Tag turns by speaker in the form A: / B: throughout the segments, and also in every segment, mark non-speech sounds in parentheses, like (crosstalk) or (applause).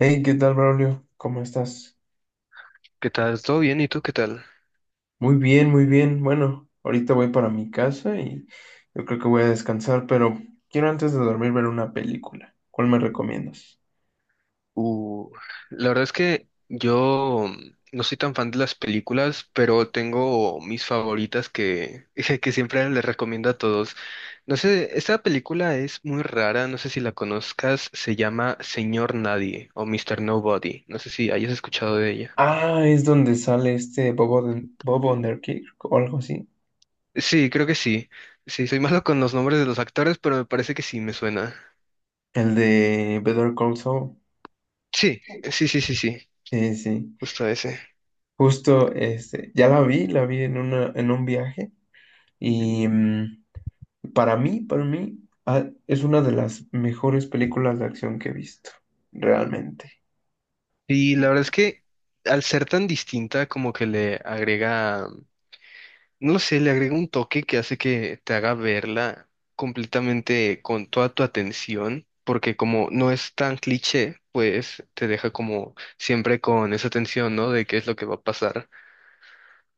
A: Hey, ¿qué tal, Braulio? ¿Cómo estás?
B: ¿Qué tal? ¿Todo bien? ¿Y tú qué tal?
A: Muy bien, muy bien. Bueno, ahorita voy para mi casa y yo creo que voy a descansar, pero quiero antes de dormir ver una película. ¿Cuál me recomiendas?
B: Uh, la verdad es que yo no soy tan fan de las películas, pero tengo mis favoritas (laughs) que siempre les recomiendo a todos. No sé, esta película es muy rara, no sé si la conozcas, se llama Señor Nadie o Mr. Nobody. No sé si hayas escuchado de ella.
A: Ah, es donde sale este Bob, Bob Underkick o algo así.
B: Sí, creo que sí. Sí, soy (laughs) malo con los nombres de los actores, pero me parece que sí me suena.
A: El de Better Call Saul.
B: Sí, sí, sí, sí, sí,
A: Sí, sí.
B: justo ese.
A: Justo, este, ya la vi en una, en un viaje
B: Ujú.
A: y para mí, es una de las mejores películas de acción que he visto, realmente.
B: Y la verdad es que al ser tan distinta, como que le agrega, no lo sé, le agrega un toque que hace que te haga verla completamente con toda tu atención, porque como no es tan cliché, pues te deja como siempre con esa tensión, ¿no? De qué es lo que va a pasar.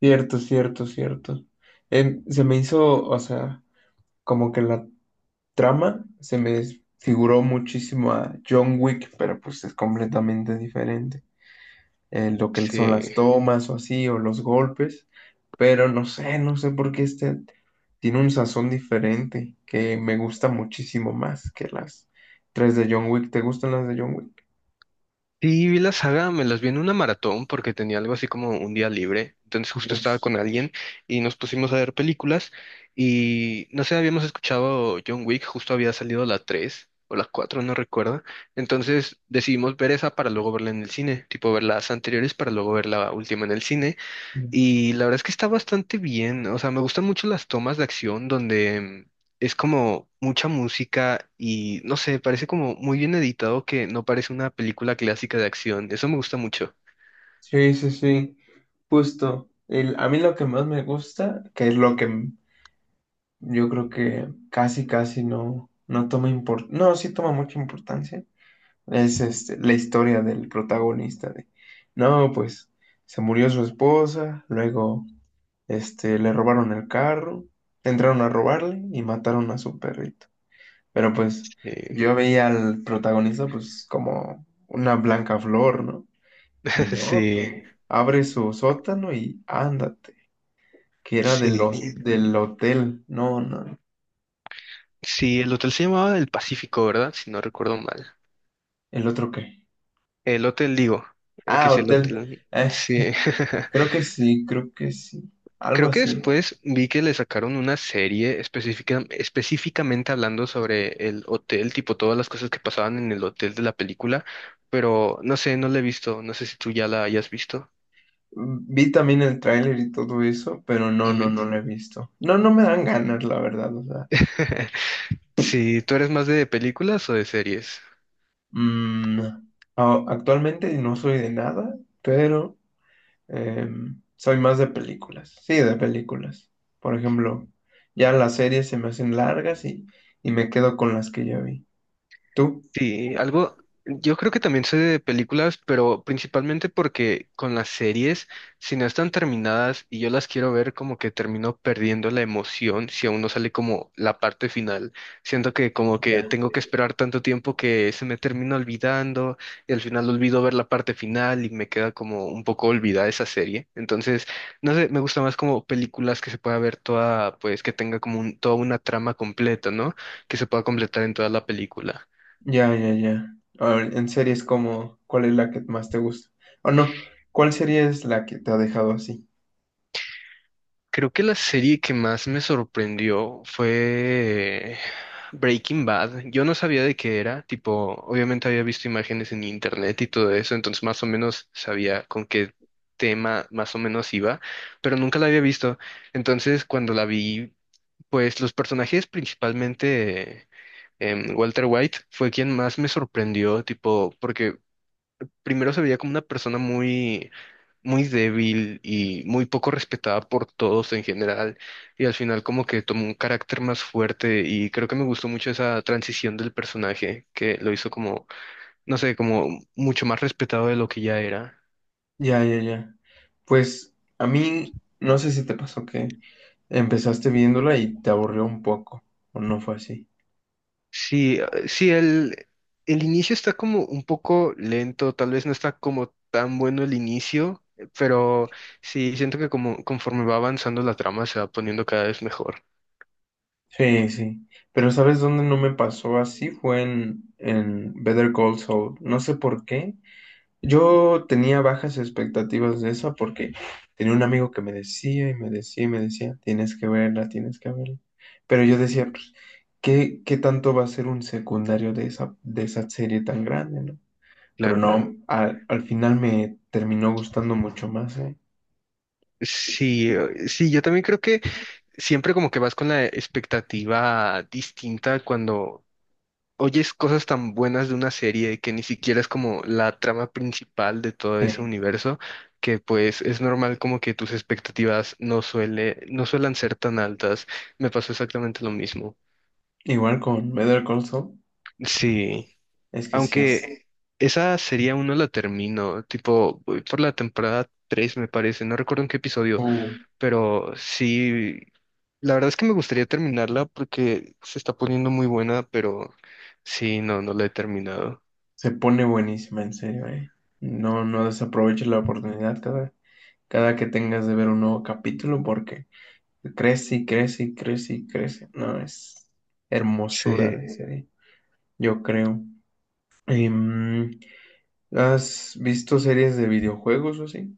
A: Cierto, cierto, cierto. Se me hizo, o sea, como que la trama se me figuró muchísimo a John Wick, pero pues es completamente diferente. Lo que
B: Sí.
A: son las tomas o así, o los golpes, pero no sé, no sé por qué este tiene un sazón diferente que me gusta muchísimo más que las tres de John Wick. ¿Te gustan las de John Wick?
B: Sí, vi la saga, me las vi en una maratón porque tenía algo así como un día libre. Entonces justo estaba
A: Dios.
B: con alguien y nos pusimos a ver películas y no sé, habíamos escuchado John Wick, justo había salido la 3 o la 4 no recuerdo. Entonces decidimos ver esa para luego verla en el cine, tipo ver las anteriores para luego ver la última en el cine y la verdad es que está bastante bien. O sea, me gustan mucho las tomas de acción donde es como mucha música y no sé, parece como muy bien editado que no parece una película clásica de acción. Eso me gusta mucho.
A: Sí, sí, sí, justo. A mí lo que más me gusta, que es lo yo creo que casi, casi no, no toma importancia. No, sí toma mucha importancia.
B: Mm,
A: Es este, la historia del protagonista de, no, pues se murió su esposa, luego este, le robaron el carro, entraron a robarle y mataron a su perrito. Pero pues
B: eh,
A: yo veía al protagonista pues como una blanca flor, ¿no? Y
B: (laughs)
A: no,
B: sí,
A: que abre su sótano y ándate, que era de
B: sí, eh,
A: del hotel. No, no,
B: sí, el hotel se llamaba El Pacífico, ¿verdad? Si no recuerdo mal.
A: el otro qué.
B: El hotel, digo, que
A: Ah,
B: es el
A: hotel.
B: hotel.
A: Eh,
B: Sí.
A: (laughs)
B: (laughs)
A: creo que sí, creo que sí. Algo
B: Creo que
A: así.
B: después vi que le sacaron una serie específica, específicamente hablando sobre el hotel, tipo todas las cosas que pasaban en el hotel de la película, pero no sé, no la he visto, no sé si tú ya la hayas visto.
A: Vi también el tráiler y todo eso, pero no, no,
B: Ujú.
A: no lo he visto. No, no me dan ganas, la verdad, o sea.
B: (laughs)
A: (laughs)
B: Si ¿tú eres más de películas o de series?
A: Mm, actualmente no soy de nada, pero soy más de películas. Sí, de películas. Por ejemplo, ya las series se me hacen largas y me quedo con las que ya vi. ¿Tú?
B: Sí, algo, yo creo que también sé de películas, pero principalmente porque con las series, si no están terminadas y yo las quiero ver, como que termino perdiendo la emoción si aún no sale como la parte final. Siento que como
A: Ya.
B: que tengo que esperar tanto tiempo que se me termina olvidando y al final olvido ver la parte final y me queda como un poco olvidada esa serie. Entonces, no sé, me gusta más como películas que se pueda ver toda, pues que tenga como un- toda una trama completa, ¿no? Que se pueda completar en toda la película.
A: Ya, ya, ya. A ver, en series como, ¿cuál es la que más te gusta? O no, ¿cuál serie es la que te ha dejado así?
B: Creo que la serie que más me sorprendió fue Breaking Bad. Yo no sabía de qué era, tipo, obviamente había visto imágenes en internet y todo eso, entonces más o menos sabía con qué tema más o menos iba, pero nunca la había visto. Entonces, cuando la vi, pues los personajes, principalmente Walter White, fue quien más me sorprendió, tipo, porque primero se veía como una persona muy, muy débil y muy poco respetada por todos en general, y al final como que tomó un carácter más fuerte y creo que me gustó mucho esa transición del personaje que lo hizo como, no sé, como mucho más respetado de lo que ya era.
A: Ya, ya, ya. Pues a mí, no sé si te pasó que empezaste viéndola y te aburrió un poco, o no fue así.
B: Sí, sí, el inicio está como un poco lento, tal vez no está como tan bueno el inicio, pero sí, siento que como conforme va avanzando la trama se va poniendo cada vez mejor.
A: Sí, sí. Pero ¿sabes dónde no me pasó así? Fue en Better Call Saul. No sé por qué. Yo tenía bajas expectativas de esa porque tenía un amigo que me decía y me decía y me decía, tienes que verla, tienes que verla. Pero yo decía, pues, ¿qué, qué tanto va a ser un secundario de esa serie tan grande, ¿no? Pero
B: Claro.
A: no, al final me terminó gustando mucho más, ¿eh?
B: Sí, sí, yo también creo que siempre como que vas con la expectativa distinta cuando oyes cosas tan buenas de una serie que ni siquiera es como la trama principal de todo ese
A: Sí.
B: universo, que pues es normal como que tus expectativas no suelen ser tan altas. Me pasó exactamente lo mismo.
A: Igual con Better Call Saul,
B: Sí,
A: es que sí, es,
B: aunque esa serie aún no la termino, tipo voy por la temporada 3 me parece, no recuerdo en qué episodio.
A: uh,
B: Pero sí, la verdad es que me gustaría terminarla porque se está poniendo muy buena, pero sí, no, no la he terminado.
A: se pone buenísima, en serio, ¿eh? No, no desaproveches la oportunidad cada, cada que tengas de ver un nuevo capítulo porque... Crece y crece y crece y crece. No, es hermosura
B: Sí.
A: de serie, yo creo. Em, ¿Has visto series de videojuegos o así?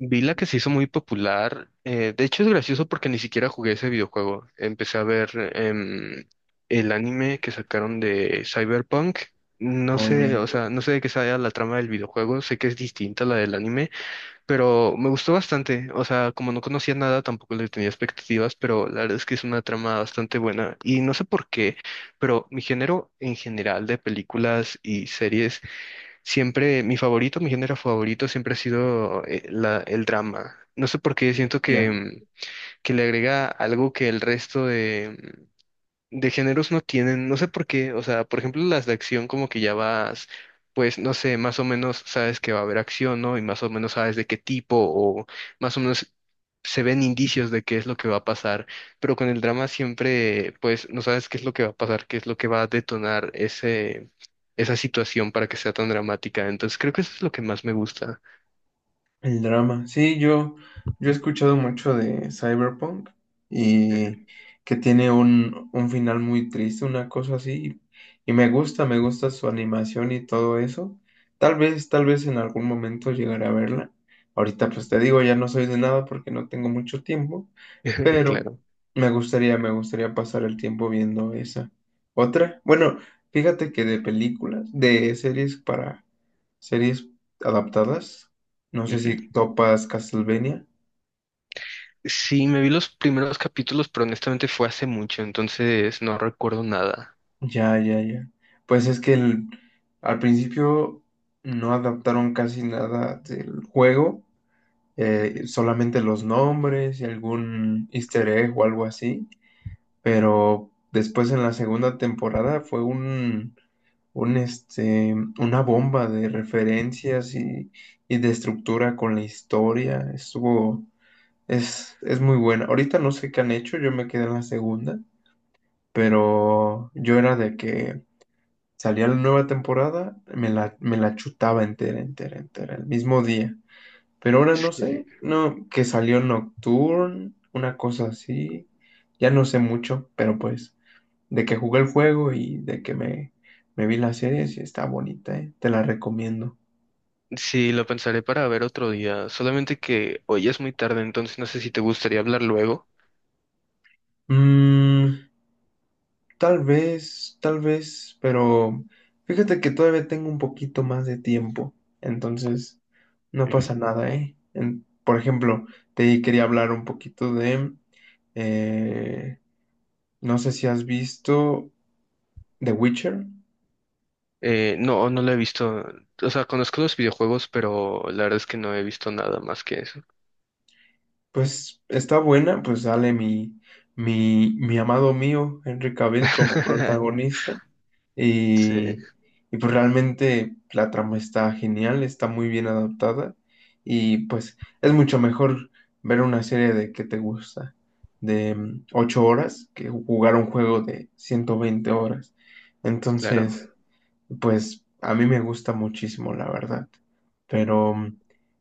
B: Vi la que se hizo muy popular. De hecho, es gracioso porque ni siquiera jugué ese videojuego. Empecé a ver el anime que sacaron de Cyberpunk. No
A: O ya,
B: sé, o sea, no sé de qué sea la trama del videojuego. Sé que es distinta a la del anime. Pero me gustó bastante, o sea, como no conocía nada, tampoco le tenía expectativas, pero la verdad es que es una trama bastante buena. Y no sé por qué, pero mi género en general de películas y series, siempre, mi favorito, mi género favorito siempre ha sido el drama. No sé por qué, siento
A: ya.
B: que, que le agrega algo que el resto de géneros no tienen, no sé por qué, o sea, por ejemplo, las de acción como que ya vas, pues, no sé, más o menos sabes que va a haber acción, ¿no? Y más o menos sabes de qué tipo o más o menos se ven indicios de qué es lo que va a pasar, pero con el drama siempre, pues, no sabes qué es lo que va a pasar, qué es lo que va a detonar ese, esa situación para que sea tan dramática. Entonces, creo que eso es lo que más me gusta.
A: El drama. Sí, yo he escuchado mucho de Cyberpunk
B: Ujú.
A: y que tiene un final muy triste, una cosa así. Y me gusta su animación y todo eso. Tal vez en algún momento llegaré a verla. Ahorita pues te digo, ya no soy de nada porque no tengo mucho tiempo,
B: (laughs)
A: pero
B: Claro.
A: me gustaría pasar el tiempo viendo esa. Otra, bueno, fíjate que de películas, de series para series adaptadas. No sé
B: Ujú.
A: si topas Castlevania.
B: Sí, me vi los primeros capítulos, pero honestamente fue hace mucho, entonces no recuerdo nada.
A: Ya, ya, ya. Pues es que al principio no adaptaron casi nada del juego, solamente los nombres y algún easter egg o algo así. Pero después en la segunda temporada fue un este, una bomba de referencias y de estructura con la historia. Estuvo, es muy buena. Ahorita no sé qué han hecho, yo me quedé en la segunda. Pero yo era de que salía la nueva temporada, me me la chutaba entera, entera, entera, el mismo día. Pero ahora no
B: Sí,
A: sé, no, que salió Nocturne, una cosa así, ya no sé mucho, pero pues, de que jugué el juego y de que me vi la serie, sí está bonita, ¿eh? Te la recomiendo.
B: sí, lo pensaré para ver otro día. Solamente que hoy ya es muy tarde, entonces no sé si te gustaría hablar luego.
A: Mm, tal vez, pero fíjate que todavía tengo un poquito más de tiempo, entonces no
B: Ujú.
A: pasa nada, ¿eh? Por ejemplo, te quería hablar un poquito de, eh, no sé si has visto The Witcher,
B: No, no lo he visto. O sea, conozco los videojuegos, pero la verdad es que no he visto nada más que eso.
A: pues está buena, pues sale mi amado mío, Henry Cavill como (laughs)
B: (laughs)
A: protagonista.
B: Sí,
A: Y, y pues realmente la trama está genial, está muy bien adaptada y pues es mucho mejor ver una serie de que te gusta, de 8 horas, que jugar un juego de 120 horas.
B: claro.
A: Entonces, pues a mí me gusta muchísimo, la verdad. Pero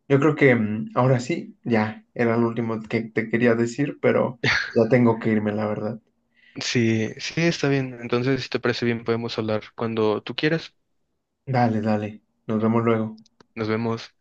A: yo creo que ahora sí, ya era lo último que te quería decir, pero ya tengo que irme, la verdad.
B: Sí, sí, está bien. Entonces, si te parece bien, podemos hablar cuando tú quieras.
A: Dale, dale, nos vemos luego.
B: Nos vemos.